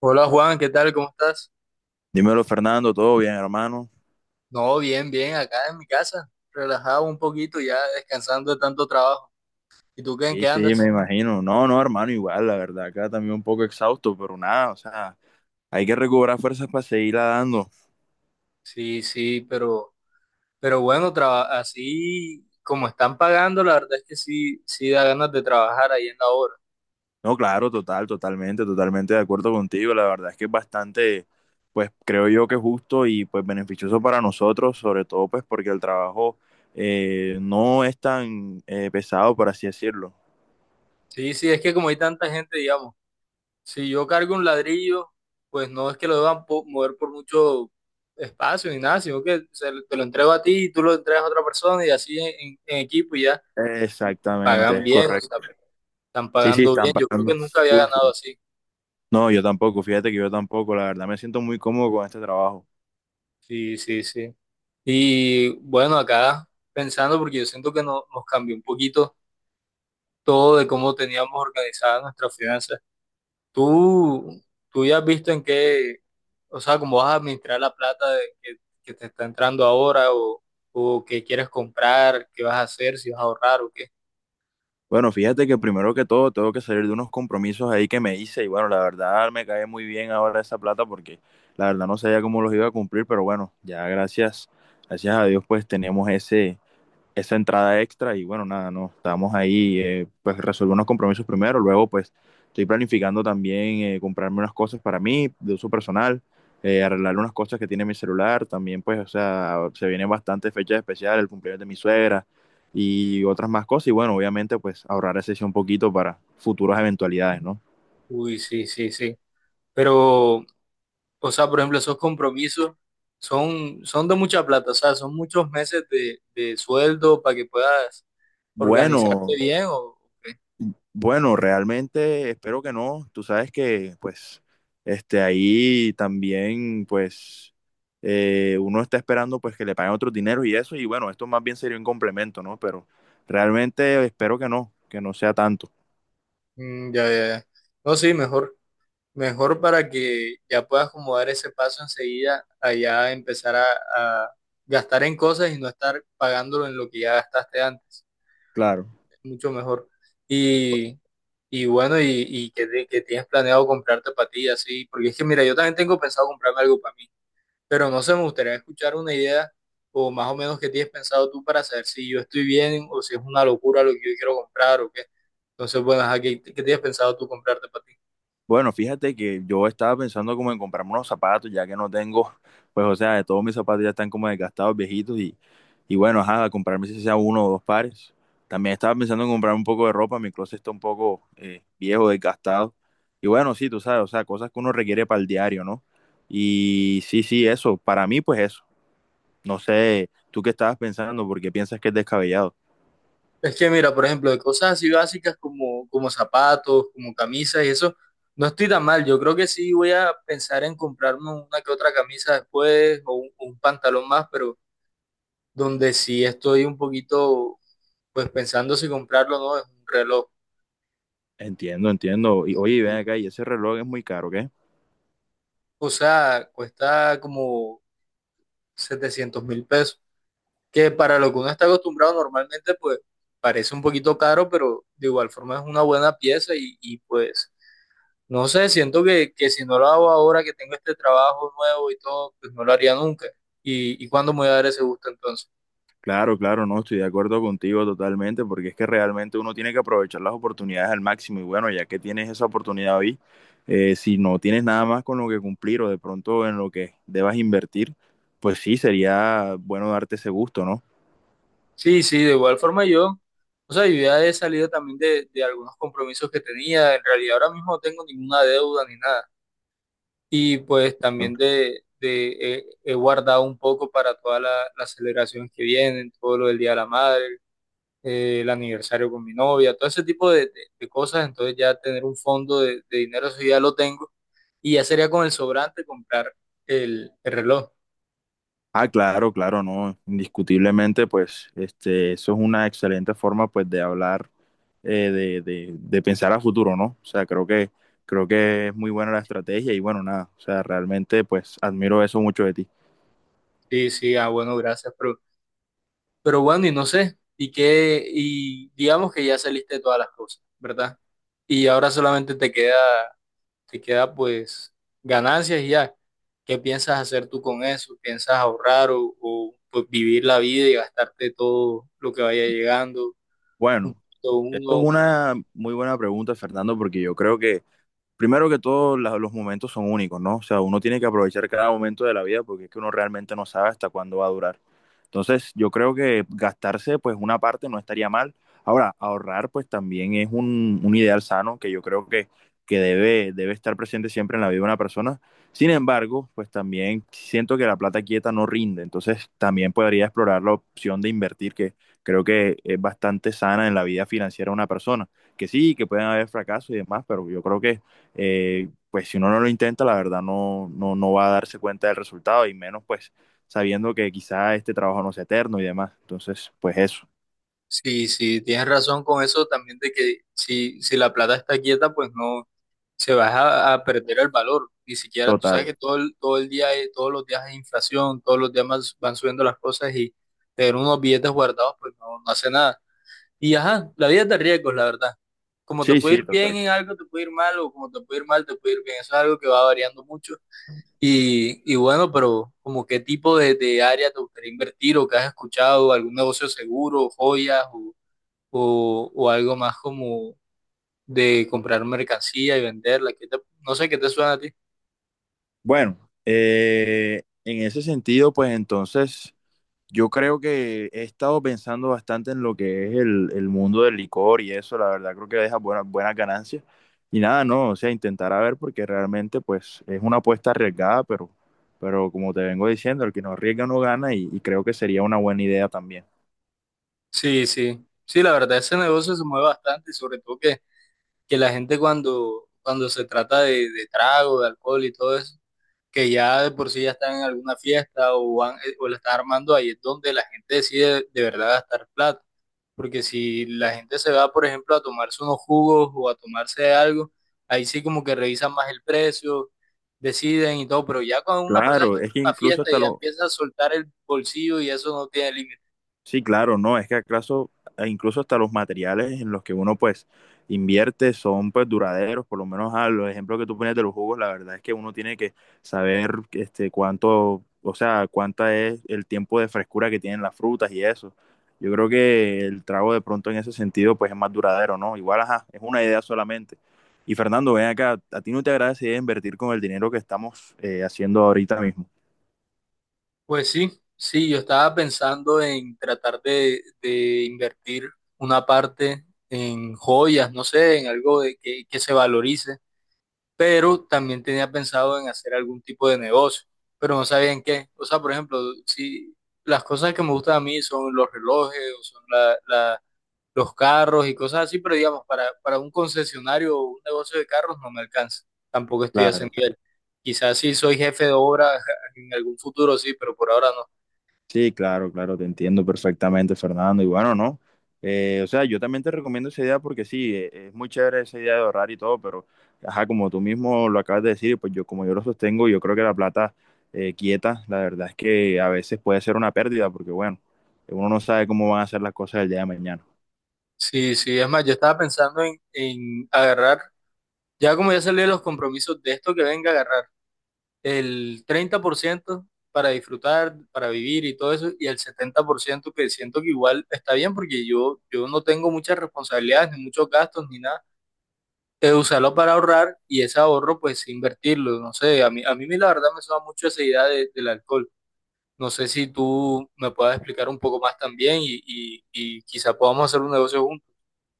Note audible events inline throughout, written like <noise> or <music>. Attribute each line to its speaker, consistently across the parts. Speaker 1: Hola Juan, ¿qué tal? ¿Cómo estás?
Speaker 2: Dímelo, Fernando, ¿todo bien, hermano?
Speaker 1: No, bien, bien, acá en mi casa, relajado un poquito ya, descansando de tanto trabajo. ¿Y tú qué, en
Speaker 2: Sí,
Speaker 1: qué
Speaker 2: sí, me
Speaker 1: andas?
Speaker 2: imagino. No, no, hermano, igual, la verdad, acá también un poco exhausto, pero nada, o sea, hay que recobrar fuerzas para seguirla dando.
Speaker 1: Sí, sí, pero bueno, así como están pagando, la verdad es que sí, sí da ganas de trabajar ahí en la obra.
Speaker 2: No, claro, total, totalmente, totalmente de acuerdo contigo. La verdad es que es bastante, pues creo yo que justo y pues beneficioso para nosotros, sobre todo pues porque el trabajo no es tan pesado, por así decirlo.
Speaker 1: Sí, sí, es que como hay tanta gente, digamos, si yo cargo un ladrillo, pues no es que lo deban mover por mucho espacio ni nada, sino que se, te lo entrego a ti y tú lo entregas a otra persona y así en equipo y ya, y
Speaker 2: Exactamente,
Speaker 1: pagan
Speaker 2: es
Speaker 1: bien, o sea.
Speaker 2: correcto.
Speaker 1: Están
Speaker 2: Sí, sí,
Speaker 1: pagando bien,
Speaker 2: están
Speaker 1: yo creo que
Speaker 2: pagando
Speaker 1: nunca había
Speaker 2: full.
Speaker 1: ganado así.
Speaker 2: No, yo tampoco, fíjate que yo tampoco, la verdad me siento muy cómodo con este trabajo.
Speaker 1: Sí, sí, sí. Y bueno, acá pensando, porque yo siento que nos cambió un poquito todo de cómo teníamos organizadas nuestras finanzas. Tú, tú ya has visto en qué, o sea, cómo vas a administrar la plata que te está entrando ahora o qué quieres comprar, qué vas a hacer, si vas a ahorrar o qué.
Speaker 2: Bueno, fíjate que primero que todo tengo que salir de unos compromisos ahí que me hice y bueno, la verdad me cae muy bien ahora esa plata porque la verdad no sabía cómo los iba a cumplir, pero bueno, ya gracias, gracias a Dios pues tenemos ese esa entrada extra y bueno, nada, no, estábamos ahí, pues resolver unos compromisos primero, luego pues estoy planificando también comprarme unas cosas para mí, de uso personal, arreglar unas cosas que tiene mi celular, también pues, o sea, se vienen bastantes fechas especiales, el cumpleaños de mi suegra y otras más cosas y bueno, obviamente pues ahorrar ese sí un poquito para futuras eventualidades, ¿no?
Speaker 1: Uy, sí, sí, sí. Pero, o sea, por ejemplo, esos compromisos son de mucha plata, o sea, son muchos meses de sueldo para que puedas organizarte
Speaker 2: Bueno,
Speaker 1: bien o qué.
Speaker 2: bueno, realmente espero que no. Tú sabes que, pues, este, ahí también, pues, uno está esperando, pues, que le paguen otros dineros y eso. Y bueno, esto más bien sería un complemento, ¿no? Pero realmente espero que no sea tanto.
Speaker 1: Mm, ya, ya, ya. No, sí, mejor, mejor para que ya puedas como dar ese paso enseguida allá empezar a gastar en cosas y no estar pagándolo en lo que ya gastaste antes.
Speaker 2: Claro.
Speaker 1: Es mucho mejor. Y, y bueno, que tienes planeado comprarte para ti, así, porque es que mira, yo también tengo pensado comprarme algo para mí. Pero no sé, me gustaría escuchar una idea o más o menos qué tienes pensado tú para saber si yo estoy bien o si es una locura lo que yo quiero comprar o qué. Entonces, bueno, ajá, ¿qué, qué tienes pensado tú comprarte para ti?
Speaker 2: Bueno, fíjate que yo estaba pensando como en comprarme unos zapatos, ya que no tengo, pues, o sea, todos mis zapatos ya están como desgastados, viejitos, y bueno, ajá, comprarme si sea uno o dos pares. También estaba pensando en comprar un poco de ropa, mi closet está un poco viejo, desgastado. Y bueno, sí, tú sabes, o sea, cosas que uno requiere para el diario, ¿no? Y sí, sí, eso, para mí, pues eso. No sé, tú qué estabas pensando, porque piensas que es descabellado.
Speaker 1: Es que mira, por ejemplo, de cosas así básicas como, como zapatos, como camisas y eso, no estoy tan mal. Yo creo que sí voy a pensar en comprarme una que otra camisa después o un pantalón más, pero donde sí estoy un poquito, pues pensando si comprarlo o no, es un reloj.
Speaker 2: Entiendo, entiendo. Y oye, ven
Speaker 1: Y,
Speaker 2: acá, ¿y ese reloj es muy caro, qué?
Speaker 1: o sea, cuesta como 700.000 pesos, que para lo que uno está acostumbrado normalmente, pues parece un poquito caro, pero de igual forma es una buena pieza y pues, no sé, siento que si no lo hago ahora que tengo este trabajo nuevo y todo, pues no lo haría nunca. Y cuándo me voy a dar ese gusto entonces?
Speaker 2: Claro, claro, no, estoy de acuerdo contigo totalmente, porque es que realmente uno tiene que aprovechar las oportunidades al máximo y bueno, ya que tienes esa oportunidad hoy, si no tienes nada más con lo que cumplir o de pronto en lo que debas invertir, pues sí, sería bueno darte ese gusto, ¿no?
Speaker 1: Sí, sí, de igual forma yo, o sea, yo ya he salido también de algunos compromisos que tenía, en realidad ahora mismo no tengo ninguna deuda ni nada. Y pues también he guardado un poco para todas las celebraciones que vienen, todo lo del Día de la Madre, el aniversario con mi novia, todo ese tipo de cosas. Entonces ya tener un fondo de dinero, eso ya lo tengo. Y ya sería con el sobrante comprar el reloj.
Speaker 2: Ah, claro, claro, no, indiscutiblemente, pues, este, eso es una excelente forma, pues, de hablar, de pensar a futuro, ¿no? O sea, creo que es muy buena la estrategia y bueno, nada, o sea, realmente, pues, admiro eso mucho de ti.
Speaker 1: Sí, sí, ah, bueno, gracias. Pero bueno, y no sé, y qué, y digamos que ya saliste de todas las cosas, ¿verdad? Y ahora solamente te queda pues ganancias y ya. ¿Qué piensas hacer tú con eso? ¿Piensas ahorrar o, pues, vivir la vida y gastarte todo lo que vaya llegando? Un
Speaker 2: Bueno,
Speaker 1: poquito
Speaker 2: esto
Speaker 1: uno, un
Speaker 2: es
Speaker 1: poquito.
Speaker 2: una muy buena pregunta, Fernando, porque yo creo que primero que todo, los momentos son únicos, ¿no? O sea, uno tiene que aprovechar cada momento de la vida porque es que uno realmente no sabe hasta cuándo va a durar. Entonces, yo creo que gastarse, pues, una parte no estaría mal. Ahora, ahorrar, pues, también es un ideal sano que yo creo que debe estar presente siempre en la vida de una persona. Sin embargo, pues, también siento que la plata quieta no rinde. Entonces, también podría explorar la opción de invertir, que creo que es bastante sana en la vida financiera de una persona. Que sí, que pueden haber fracasos y demás, pero yo creo que pues si uno no lo intenta, la verdad no, no, no va a darse cuenta del resultado y menos pues sabiendo que quizá este trabajo no sea eterno y demás. Entonces, pues eso,
Speaker 1: Sí, sí, tienes razón con eso también de que si, si la plata está quieta, pues no se va a perder el valor. Ni siquiera, tú sabes
Speaker 2: total.
Speaker 1: que todos los días hay inflación, todos los días más van subiendo las cosas y tener unos billetes guardados, pues no, no hace nada. Y ajá, la vida es de riesgos, la verdad. Como te
Speaker 2: Sí,
Speaker 1: puede ir
Speaker 2: sí,
Speaker 1: bien
Speaker 2: total.
Speaker 1: en algo, te puede ir mal, o como te puede ir mal, te puede ir bien. Eso es algo que va variando mucho. Y bueno, pero como qué tipo de área te gustaría invertir o que has escuchado, algún negocio seguro, joyas o algo más como de comprar mercancía y venderla. No sé qué te suena a ti.
Speaker 2: Bueno, en ese sentido, pues entonces... Yo creo que he estado pensando bastante en lo que es el mundo del licor y eso, la verdad creo que deja buenas buenas ganancias. Y nada, no, o sea, intentar a ver porque realmente pues es una apuesta arriesgada, pero como te vengo diciendo, el que no arriesga no gana y creo que sería una buena idea también.
Speaker 1: Sí, sí, sí, la verdad ese negocio se mueve bastante y sobre todo que la gente cuando, cuando se trata de trago, de alcohol y todo eso, que ya de por sí ya están en alguna fiesta o, van, o la están armando, ahí es donde la gente decide de verdad gastar plata. Porque si la gente se va, por ejemplo, a tomarse unos jugos o a tomarse algo, ahí sí como que revisan más el precio, deciden y todo, pero ya cuando una persona está
Speaker 2: Claro, es
Speaker 1: en
Speaker 2: que
Speaker 1: una
Speaker 2: incluso
Speaker 1: fiesta
Speaker 2: hasta
Speaker 1: ya
Speaker 2: los,
Speaker 1: empieza a soltar el bolsillo y eso no tiene límite.
Speaker 2: sí, claro, no, es que acaso e incluso hasta los materiales en los que uno pues invierte son pues duraderos, por lo menos a los ejemplos que tú pones de los jugos, la verdad es que uno tiene que saber este cuánto, o sea, cuánta es el tiempo de frescura que tienen las frutas y eso. Yo creo que el trago de pronto en ese sentido pues es más duradero, ¿no? Igual, ajá, es una idea solamente. Y Fernando, ven acá, ¿a ti no te agrada esa idea de invertir con el dinero que estamos haciendo ahorita mismo?
Speaker 1: Pues sí, sí, yo estaba pensando en tratar de invertir una parte en joyas, no sé, en algo de que se valorice, pero también tenía pensado en hacer algún tipo de negocio, pero no sabía en qué. O sea, por ejemplo, si las cosas que me gustan a mí son los relojes o son los carros y cosas así, pero digamos, para un concesionario o un negocio de carros no me alcanza. Tampoco estoy a ese
Speaker 2: Claro.
Speaker 1: nivel. Quizás sí soy jefe de obra <laughs> en algún futuro, sí, pero por ahora no.
Speaker 2: Sí, claro, claro, te entiendo perfectamente, Fernando. Y bueno, no. O sea, yo también te recomiendo esa idea porque sí, es muy chévere esa idea de ahorrar y todo, pero, ajá, como tú mismo lo acabas de decir, pues yo, como yo lo sostengo, yo creo que la plata quieta, la verdad es que a veces puede ser una pérdida porque, bueno, uno no sabe cómo van a ser las cosas el día de mañana.
Speaker 1: Sí, sí, es más, yo estaba pensando en agarrar, ya como ya salí de los compromisos de esto que venga a agarrar el 30% para disfrutar, para vivir y todo eso, y el 70% que siento que igual está bien porque yo no tengo muchas responsabilidades, ni muchos gastos, ni nada. Usarlo para ahorrar y ese ahorro pues invertirlo, no sé, a mí la verdad me suena mucho esa idea del alcohol. No sé si tú me puedas explicar un poco más también y quizá podamos hacer un negocio juntos.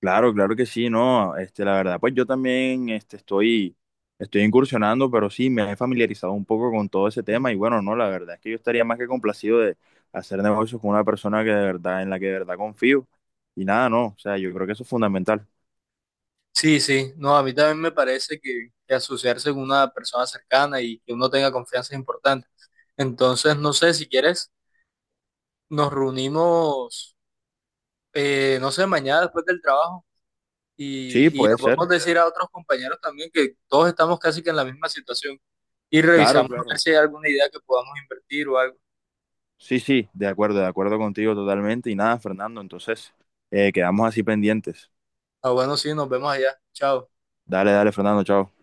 Speaker 2: Claro, claro que sí, no, este, la verdad, pues yo también, este, estoy incursionando, pero sí, me he familiarizado un poco con todo ese tema y bueno, no, la verdad es que yo estaría más que complacido de hacer negocios con una persona que de verdad, en la que de verdad confío y nada, no, o sea, yo creo que eso es fundamental.
Speaker 1: Sí, sí, no, a mí también me parece que asociarse con una persona cercana y que uno tenga confianza es importante. Entonces, no sé, si quieres, nos reunimos, no sé, mañana después del trabajo
Speaker 2: Sí,
Speaker 1: y lo
Speaker 2: puede ser,
Speaker 1: podemos decir a otros compañeros también que todos estamos casi que en la misma situación y
Speaker 2: claro,
Speaker 1: revisamos a ver
Speaker 2: claro.
Speaker 1: si hay alguna idea que podamos invertir o algo.
Speaker 2: Sí, sí, de acuerdo contigo totalmente y nada, Fernando, entonces, quedamos así pendientes.
Speaker 1: Ah, bueno, sí, nos vemos allá. Chao.
Speaker 2: Dale, dale, Fernando, chao.